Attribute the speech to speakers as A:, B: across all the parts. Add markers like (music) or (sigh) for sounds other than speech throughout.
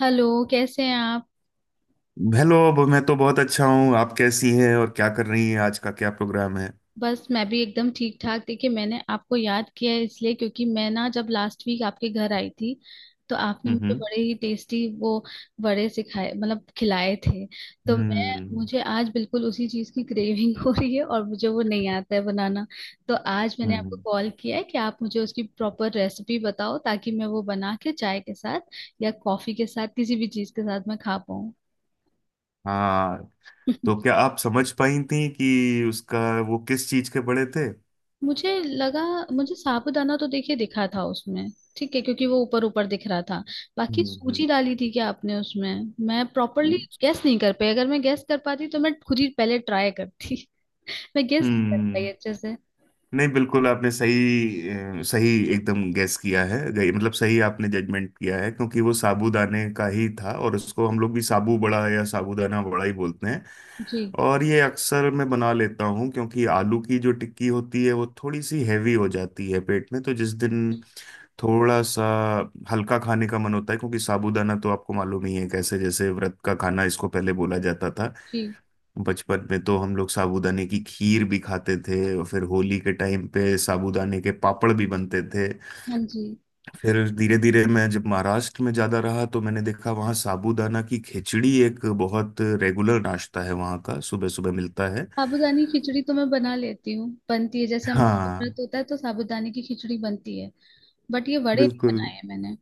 A: Hello, कैसे हैं आप।
B: हेलो मैं तो बहुत अच्छा हूँ। आप कैसी हैं और क्या कर रही हैं? आज का क्या प्रोग्राम है?
A: बस मैं भी एकदम ठीक ठाक। देखिए, मैंने आपको याद किया है इसलिए क्योंकि मैं ना जब लास्ट वीक आपके घर आई थी तो आपने मुझे
B: हम्म।
A: बड़े ही टेस्टी वो बड़े सिखाए मतलब खिलाए थे। तो मैं
B: हम्म।
A: मुझे आज बिल्कुल उसी चीज़ की क्रेविंग हो रही है और मुझे वो नहीं आता है बनाना। तो आज मैंने आपको
B: हम्म।
A: कॉल किया है कि आप मुझे उसकी प्रॉपर रेसिपी बताओ ताकि मैं वो बना के चाय के साथ या कॉफ़ी के साथ किसी भी चीज़ के साथ मैं खा पाऊँ।
B: हाँ। तो
A: (laughs)
B: क्या आप समझ पाई थी कि उसका वो किस चीज के पड़े थे?
A: मुझे लगा मुझे साबूदाना तो देखिए दिखा था उसमें, ठीक है, क्योंकि वो ऊपर ऊपर दिख रहा था। बाकी
B: हम्म। हम्म।
A: सूजी डाली थी क्या आपने उसमें? मैं प्रॉपरली गैस नहीं कर पाई। अगर मैं गैस कर पाती तो मैं खुद ही पहले ट्राई करती। (laughs) मैं गैस नहीं कर पाई
B: हम्म,
A: अच्छे से।
B: नहीं बिल्कुल आपने सही एकदम गैस किया है, मतलब सही आपने जजमेंट किया है क्योंकि वो साबूदाने का ही था, और उसको हम लोग भी साबू बड़ा या साबूदाना बड़ा ही बोलते हैं।
A: जी।
B: और ये अक्सर मैं बना लेता हूँ क्योंकि आलू की जो टिक्की होती है वो थोड़ी सी हैवी हो जाती है पेट में, तो जिस दिन थोड़ा सा हल्का खाने का मन होता है, क्योंकि साबूदाना तो आपको मालूम ही है कैसे, जैसे व्रत का खाना इसको पहले बोला जाता था।
A: जी।
B: बचपन में तो हम लोग साबूदाने की खीर भी खाते थे, और फिर होली के टाइम पे साबूदाने के पापड़ भी बनते थे।
A: हाँ जी।
B: फिर धीरे धीरे मैं जब महाराष्ट्र में ज्यादा रहा तो मैंने देखा वहाँ साबूदाना की खिचड़ी एक बहुत रेगुलर नाश्ता है वहाँ का, सुबह सुबह मिलता है।
A: साबूदानी खिचड़ी तो मैं बना लेती हूँ, बनती है, जैसे हमारे यहाँ व्रत
B: हाँ।
A: होता है तो साबूदाने की खिचड़ी बनती है। बट ये वड़े नहीं
B: बिल्कुल।
A: बनाए हैं मैंने।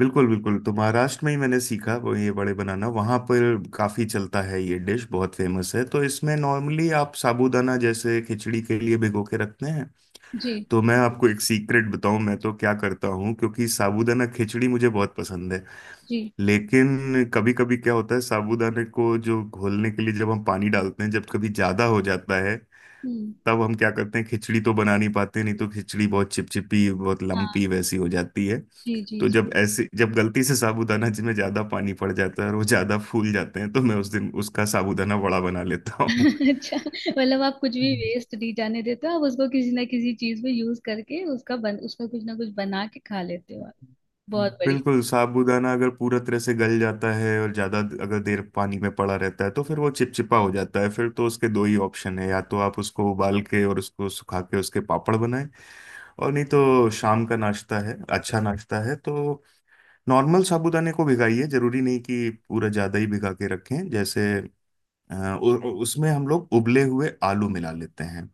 B: बिल्कुल। बिल्कुल, तो महाराष्ट्र में ही मैंने सीखा वो, ये बड़े बनाना वहाँ पर काफ़ी चलता है, ये डिश बहुत फेमस है। तो इसमें नॉर्मली आप साबूदाना जैसे खिचड़ी के लिए भिगो के रखते हैं।
A: जी
B: तो मैं आपको एक सीक्रेट बताऊँ, मैं तो क्या करता हूँ, क्योंकि साबूदाना खिचड़ी मुझे बहुत पसंद है।
A: जी।
B: लेकिन कभी कभी क्या होता है, साबूदाने को जो घोलने के लिए जब हम पानी डालते हैं जब कभी ज़्यादा हो जाता है,
A: हम्म।
B: तब हम क्या करते हैं, खिचड़ी तो बना नहीं पाते, नहीं तो खिचड़ी बहुत चिपचिपी बहुत
A: हाँ
B: लम्पी वैसी हो जाती है।
A: जी जी।
B: तो जब ऐसे जब गलती से साबूदाना जी में ज्यादा पानी पड़ जाता है और वो ज्यादा फूल जाते हैं तो मैं उस दिन उसका साबूदाना वड़ा बना लेता हूँ।
A: (laughs) अच्छा, मतलब आप कुछ भी वेस्ट नहीं जाने देते हो। आप उसको किसी ना किसी चीज में यूज करके उसका कुछ ना कुछ बना के खा लेते हो आप। बहुत बढ़िया।
B: बिल्कुल। साबूदाना अगर पूरा तरह से गल जाता है और ज्यादा अगर देर पानी में पड़ा रहता है तो फिर वो चिपचिपा हो जाता है, फिर तो उसके दो ही ऑप्शन है, या तो आप उसको उबाल के और उसको सुखा के उसके पापड़ बनाएं, और नहीं तो शाम का नाश्ता है, अच्छा नाश्ता है, तो नॉर्मल साबूदाने को भिगाइए, जरूरी नहीं कि पूरा ज्यादा ही भिगा के रखें, जैसे अ, उ, उ- उसमें हम लोग उबले हुए आलू मिला लेते हैं।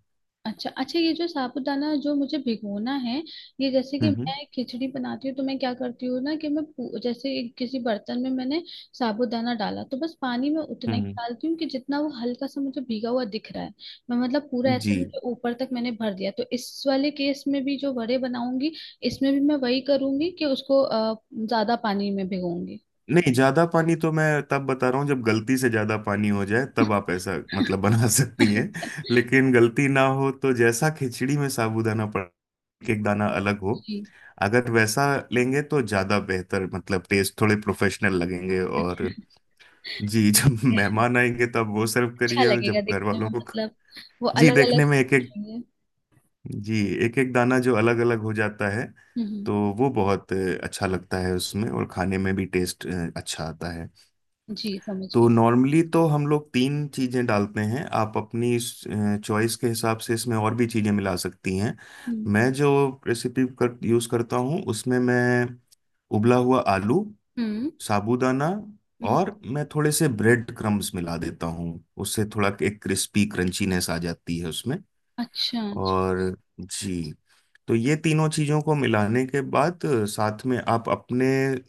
A: अच्छा अच्छा, ये जो साबूदाना जो मुझे भिगोना है, ये जैसे कि
B: हम्म।
A: मैं खिचड़ी बनाती हूँ तो मैं क्या करती हूँ ना कि मैं जैसे एक किसी बर्तन में मैंने साबूदाना डाला तो बस पानी में उतना ही
B: हम्म।
A: डालती हूँ कि जितना वो हल्का सा मुझे भीगा हुआ दिख रहा है। मैं मतलब पूरा ऐसे
B: जी।
A: नहीं कि ऊपर तक मैंने भर दिया। तो इस वाले केस में भी जो वड़े बनाऊंगी, इसमें भी मैं वही करूंगी कि उसको ज्यादा पानी में भिगोऊंगी।
B: नहीं, ज्यादा पानी तो मैं तब बता रहा हूँ जब गलती से ज्यादा पानी हो जाए, तब आप ऐसा
A: (laughs)
B: मतलब बना (laughs) सकती हैं।
A: अच्छा।
B: लेकिन गलती ना हो तो जैसा खिचड़ी में साबूदाना पड़, एक दाना अलग हो,
A: जी।
B: अगर वैसा लेंगे तो ज्यादा बेहतर, मतलब टेस्ट थोड़े प्रोफेशनल लगेंगे।
A: अच्छा।
B: और
A: (laughs)
B: जी (laughs)
A: ठीक
B: जब
A: है।
B: मेहमान आएंगे तब वो सर्व
A: अच्छा
B: करिए, और जब
A: लगेगा
B: घर
A: दिखने
B: वालों
A: में,
B: को।
A: मतलब वो
B: जी।
A: अलग
B: देखने
A: अलग
B: में
A: से
B: एक एक।
A: दिखेंगे।
B: जी। एक एक दाना जो अलग अलग हो जाता है,
A: हम्म।
B: तो वो बहुत अच्छा लगता है उसमें, और खाने में भी टेस्ट अच्छा आता है।
A: जी, समझ
B: तो
A: गई।
B: नॉर्मली तो हम लोग तीन चीज़ें डालते हैं, आप अपनी चॉइस के हिसाब से इसमें और भी चीज़ें मिला सकती हैं।
A: हम्म
B: मैं जो यूज़ करता हूँ उसमें मैं उबला हुआ आलू,
A: हम्म
B: साबूदाना,
A: हम्म।
B: और मैं थोड़े से ब्रेड क्रम्स मिला देता हूँ। उससे थोड़ा एक क्रिस्पी क्रंचीनेस आ जाती है उसमें।
A: अच्छा अच्छा।
B: और जी। तो ये तीनों चीजों को मिलाने के बाद साथ में आप अपने,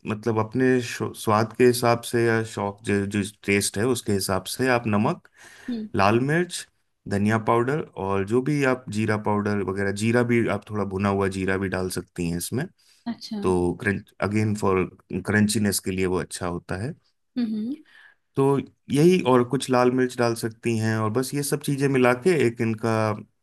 B: मतलब अपने स्वाद के हिसाब से, या शौक जो जो टेस्ट है उसके हिसाब से, आप नमक,
A: हम्म।
B: लाल मिर्च, धनिया पाउडर, और जो भी आप जीरा पाउडर वगैरह, जीरा भी आप थोड़ा भुना हुआ जीरा भी डाल सकती हैं इसमें।
A: अच्छा।
B: तो क्रंच अगेन फॉर क्रंचीनेस के लिए वो अच्छा होता है।
A: हम्म
B: तो यही, और कुछ लाल मिर्च डाल सकती हैं, और बस ये सब चीजें मिला के एक इनका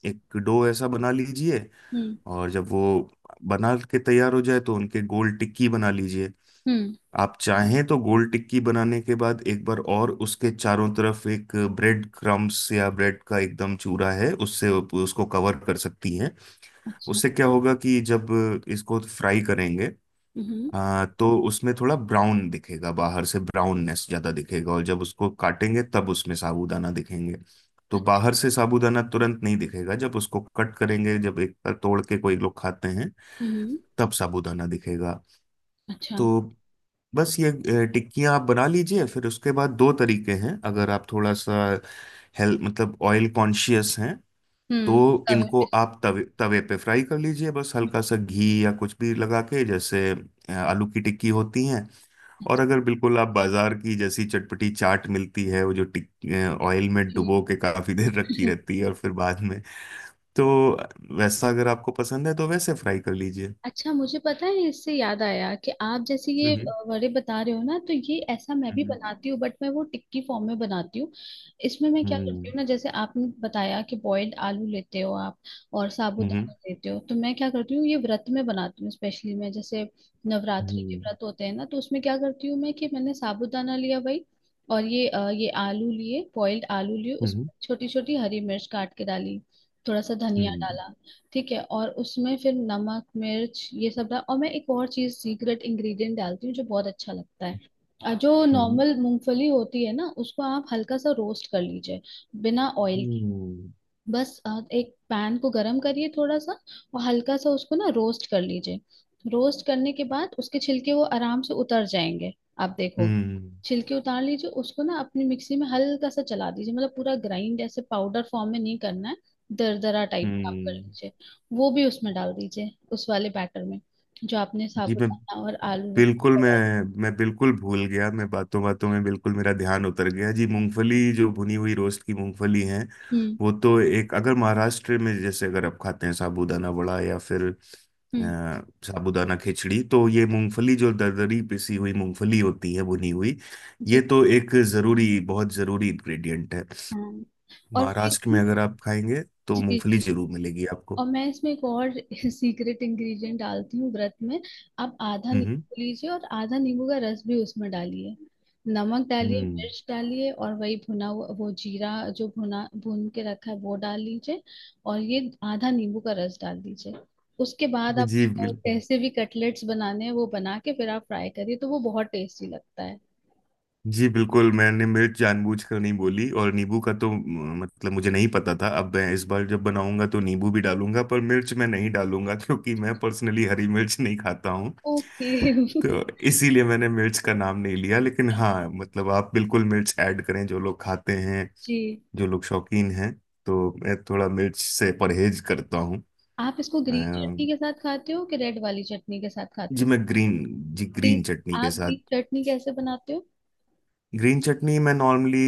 B: एक डो ऐसा बना लीजिए।
A: हम्म
B: और जब वो बना के तैयार हो जाए तो उनके गोल टिक्की बना लीजिए।
A: हम्म।
B: आप चाहें तो गोल टिक्की बनाने के बाद एक बार और उसके चारों तरफ एक ब्रेड क्रम्स या ब्रेड का एकदम चूरा है उससे उसको कवर कर सकती हैं।
A: अच्छा।
B: उससे क्या होगा कि जब इसको फ्राई करेंगे,
A: हम्म।
B: तो उसमें थोड़ा ब्राउन दिखेगा बाहर से, ब्राउननेस ज्यादा दिखेगा, और जब उसको काटेंगे तब उसमें साबूदाना दिखेंगे। तो
A: अच्छा।
B: बाहर से साबूदाना तुरंत नहीं दिखेगा, जब उसको कट करेंगे, जब एक बार तोड़ के कोई लोग खाते हैं
A: हम्म।
B: तब साबूदाना दिखेगा।
A: अच्छा।
B: तो बस ये टिक्कियाँ आप बना लीजिए, फिर उसके बाद दो तरीके हैं, अगर आप थोड़ा सा हेल्थ मतलब ऑयल कॉन्शियस हैं
A: हम्म।
B: तो
A: कभी
B: इनको
A: भी
B: आप
A: सीख-
B: तवे तवे पे फ्राई कर लीजिए, बस
A: हम्म।
B: हल्का सा घी या कुछ भी लगा के, जैसे आलू की टिक्की होती हैं। और
A: अच्छा।
B: अगर बिल्कुल आप बाजार की जैसी चटपटी चाट मिलती है, वो जो टिक ऑयल में
A: ठीक।
B: डुबो के काफी देर रखी रहती है और फिर बाद में, तो वैसा अगर आपको पसंद है तो वैसे फ्राई कर लीजिए।
A: अच्छा, मुझे पता है, इससे याद आया कि आप जैसे ये
B: हम्म।
A: वड़े बता रहे हो ना, तो ये ऐसा मैं भी
B: हम्म।
A: बनाती हूँ बट मैं वो टिक्की फॉर्म में बनाती हूँ। इसमें मैं क्या करती
B: हम्म।
A: हूँ ना, जैसे आपने बताया कि बॉइल्ड आलू लेते हो आप और साबूदाना
B: हम्म।
A: लेते हो, तो मैं क्या करती हूँ, ये व्रत में बनाती हूँ स्पेशली मैं। जैसे नवरात्रि के व्रत होते हैं ना, तो उसमें क्या करती हूँ मैं कि मैंने साबूदाना लिया भाई, और ये ये आलू लिए, बॉइल्ड आलू लिए, उस छोटी छोटी हरी मिर्च काट के डाली, थोड़ा सा धनिया डाला, ठीक है, और उसमें फिर नमक मिर्च ये सब डाल, और मैं एक और चीज सीक्रेट इंग्रेडिएंट डालती हूँ जो बहुत अच्छा लगता है। जो नॉर्मल मूंगफली होती है ना, उसको आप हल्का सा रोस्ट कर लीजिए, बिना ऑयल।
B: うんうんうんうんうんうんうんजी
A: बस एक पैन को गरम करिए थोड़ा सा और हल्का सा उसको ना रोस्ट कर लीजिए। रोस्ट करने के बाद उसके छिलके वो आराम से उतर जाएंगे, आप देखो। छिलके उतार लीजिए, उसको ना अपनी मिक्सी में हल्का सा चला दीजिए। मतलब पूरा ग्राइंड ऐसे पाउडर फॉर्म में नहीं करना है, दरदरा टाइप का आप कर लीजिए। वो भी उसमें डाल दीजिए, उस वाले बैटर में, जो आपने
B: मैं
A: साबुदाना और आलू।
B: बिल्कुल मैं मैं बिल्कुल भूल गया, मैं बातों बातों में बिल्कुल मेरा ध्यान उतर गया। जी, मूंगफली जो भुनी हुई रोस्ट की मूंगफली है,
A: हम्म
B: वो तो एक, अगर महाराष्ट्र में जैसे अगर आप खाते हैं साबूदाना वड़ा या फिर
A: हम्म।
B: साबूदाना खिचड़ी, तो ये मूंगफली जो दरदरी पिसी हुई मूंगफली होती है भुनी हुई, ये
A: जी।
B: तो एक जरूरी, बहुत जरूरी इंग्रेडिएंट है।
A: हाँ और
B: महाराष्ट्र में
A: फिर
B: अगर आप खाएंगे तो
A: जी
B: मूंगफली
A: जी।
B: जरूर मिलेगी आपको।
A: और मैं इसमें एक और (laughs) सीक्रेट इंग्रेडिएंट डालती हूँ व्रत में। आप आधा
B: हम्म।
A: नींबू लीजिए और आधा नींबू का रस भी उसमें डालिए। नमक डालिए,
B: हम्म।
A: मिर्च डालिए, और वही भुना हुआ वो जीरा, जो भुना भून के रखा है वो डाल लीजिए, और ये आधा नींबू का रस डाल दीजिए। उसके बाद आप
B: जी बिल्कुल।
A: कैसे भी कटलेट्स बनाने हैं वो बना के फिर आप फ्राई करिए तो वो बहुत टेस्टी लगता है।
B: जी बिल्कुल, मैंने मिर्च जानबूझकर नहीं बोली, और नींबू का तो मतलब मुझे नहीं पता था। अब मैं इस बार जब बनाऊंगा तो नींबू भी डालूंगा, पर मिर्च मैं नहीं डालूंगा (laughs) क्योंकि मैं पर्सनली हरी मिर्च नहीं खाता हूँ।
A: ओके।
B: तो
A: (laughs)
B: इसीलिए मैंने मिर्च का नाम नहीं लिया, लेकिन हाँ मतलब आप बिल्कुल मिर्च ऐड करें, जो लोग खाते हैं,
A: जी।
B: जो लोग शौकीन हैं, तो मैं थोड़ा मिर्च से परहेज करता हूँ।
A: आप इसको ग्रीन चटनी के साथ खाते हो कि रेड वाली चटनी के साथ खाते
B: जी।
A: हो?
B: मैं ग्रीन जी ग्रीन
A: ग्रीन।
B: चटनी के
A: आप
B: साथ।
A: ग्रीन चटनी कैसे बनाते हो?
B: ग्रीन चटनी मैं नॉर्मली,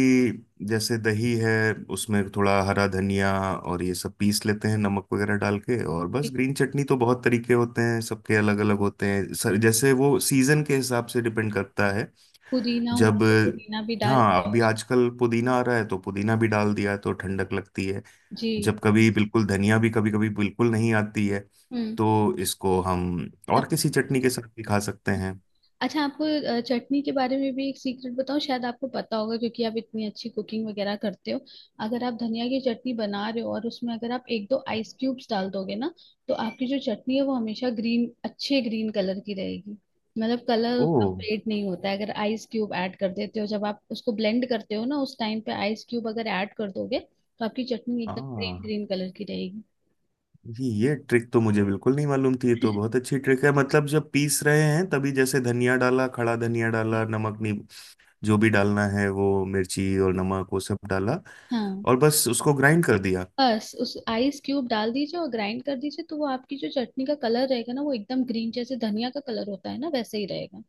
B: जैसे दही है उसमें थोड़ा हरा धनिया और ये सब पीस लेते हैं, नमक वगैरह डाल के, और बस। ग्रीन चटनी तो बहुत तरीके होते हैं, सबके अलग अलग होते हैं सर, जैसे वो सीजन के हिसाब से डिपेंड करता है।
A: पुदीना हुआ
B: जब
A: तो पुदीना भी डाल
B: हाँ,
A: दिया
B: अभी
A: उसमें।
B: आजकल पुदीना आ रहा है तो पुदीना भी डाल दिया, तो ठंडक लगती है।
A: जी।
B: जब कभी बिल्कुल धनिया भी कभी कभी बिल्कुल नहीं आती है,
A: हम्म।
B: तो इसको हम और किसी चटनी के साथ भी खा सकते हैं।
A: अच्छा, आपको चटनी के बारे में भी एक सीक्रेट बताऊं? शायद आपको पता होगा क्योंकि आप इतनी अच्छी कुकिंग वगैरह करते हो। अगर आप धनिया की चटनी बना रहे हो और उसमें अगर आप एक दो आइस क्यूब्स डाल दोगे ना, तो आपकी जो चटनी है वो हमेशा ग्रीन, अच्छे ग्रीन कलर की रहेगी। मतलब कलर
B: ओ।
A: उसका फेड नहीं होता है अगर आइस क्यूब ऐड कर देते हो। जब आप उसको ब्लेंड करते हो ना, उस टाइम पे आइस क्यूब अगर ऐड कर दोगे तो आपकी चटनी एकदम ग्रीन
B: हाँ,
A: ग्रीन कलर की रहेगी।
B: ये ट्रिक तो मुझे बिल्कुल नहीं मालूम थी, ये तो बहुत अच्छी ट्रिक है, मतलब जब पीस रहे हैं तभी जैसे धनिया डाला, खड़ा धनिया डाला,
A: (laughs)
B: नमक नहीं, जो भी डालना है वो, मिर्ची और नमक वो सब डाला,
A: हाँ।
B: और बस उसको ग्राइंड कर दिया।
A: बस उस आइस क्यूब डाल दीजिए और ग्राइंड कर दीजिए तो वो आपकी जो चटनी का कलर रहेगा ना, वो एकदम ग्रीन, जैसे धनिया का कलर होता है ना वैसे ही रहेगा।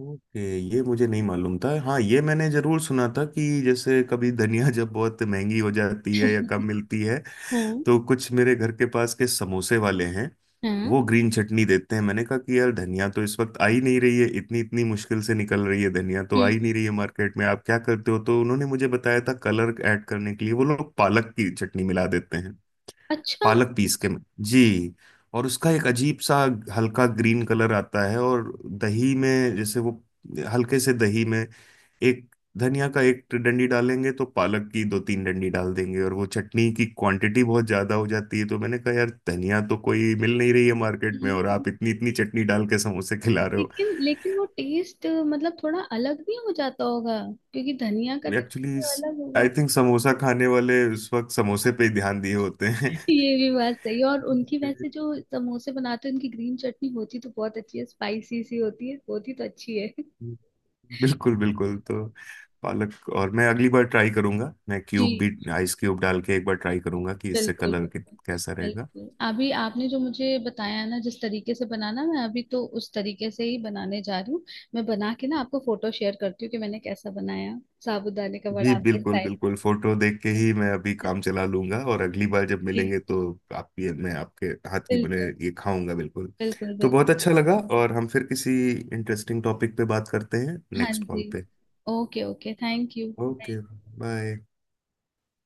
B: ओके, ये मुझे नहीं मालूम था। हाँ, ये मैंने जरूर सुना था कि जैसे कभी धनिया (laughs) जब बहुत महंगी हो जाती है या कम
A: (laughs)
B: मिलती है,
A: हाँ।
B: तो कुछ मेरे घर के पास के समोसे वाले हैं
A: हाँ।
B: वो ग्रीन चटनी देते हैं, मैंने कहा कि यार धनिया तो इस वक्त आ ही नहीं रही है, इतनी इतनी मुश्किल से निकल रही है धनिया, तो
A: हम्म
B: आ ही
A: हम्म।
B: नहीं रही है मार्केट में, आप क्या करते हो? तो उन्होंने मुझे बताया था कलर ऐड करने के लिए वो लोग पालक की चटनी मिला देते हैं,
A: अच्छा।
B: पालक पीस के। जी। और उसका एक अजीब सा हल्का ग्रीन कलर आता है, और दही में जैसे वो, हल्के से दही में एक धनिया का एक डंडी डालेंगे तो पालक की दो तीन डंडी डाल देंगे, और वो चटनी की क्वांटिटी बहुत ज्यादा हो जाती है, तो मैंने कहा यार धनिया तो कोई मिल नहीं रही है मार्केट में, और
A: हम्म।
B: आप इतनी इतनी चटनी डाल के समोसे खिला रहे हो।
A: लेकिन लेकिन वो टेस्ट मतलब थोड़ा अलग भी हो जाता होगा, क्योंकि धनिया का टेस्ट
B: एक्चुअली
A: तो अलग होगा।
B: आई थिंक समोसा खाने वाले उस वक्त समोसे पे ही ध्यान दिए होते
A: (laughs) ये भी बात सही है। और उनकी
B: हैं
A: वैसे जो
B: (laughs)
A: समोसे बनाते हैं उनकी ग्रीन चटनी होती तो बहुत अच्छी है, स्पाइसी सी होती है, होती तो अच्छी है।
B: बिल्कुल बिल्कुल, तो पालक, और मैं अगली बार ट्राई करूंगा, मैं
A: जी।
B: क्यूब भी आइस क्यूब डाल के एक बार ट्राई करूंगा कि इससे
A: बिल्कुल
B: कलर
A: बिल्कुल।
B: कैसा रहेगा।
A: बिल्कुल। अभी आपने जो मुझे बताया ना जिस तरीके से बनाना, मैं अभी तो उस तरीके से ही बनाने जा रही हूँ। मैं बना के ना आपको फोटो शेयर करती हूँ कि मैंने कैसा बनाया, साबूदाने का वड़ा,
B: जी
A: आपके
B: बिल्कुल
A: स्टाइल।
B: बिल्कुल, फोटो देख के ही
A: (laughs)
B: मैं अभी काम चला लूंगा, और अगली बार जब
A: जी
B: मिलेंगे तो आप ये, मैं आपके हाथ की बने
A: बिल्कुल
B: ये खाऊंगा बिल्कुल।
A: बिल्कुल
B: तो
A: बिल्कुल।
B: बहुत अच्छा लगा, और हम फिर किसी इंटरेस्टिंग टॉपिक पे बात करते हैं
A: हाँ
B: नेक्स्ट कॉल
A: जी।
B: पे।
A: Okay okay, thank you.
B: Okay. Bye.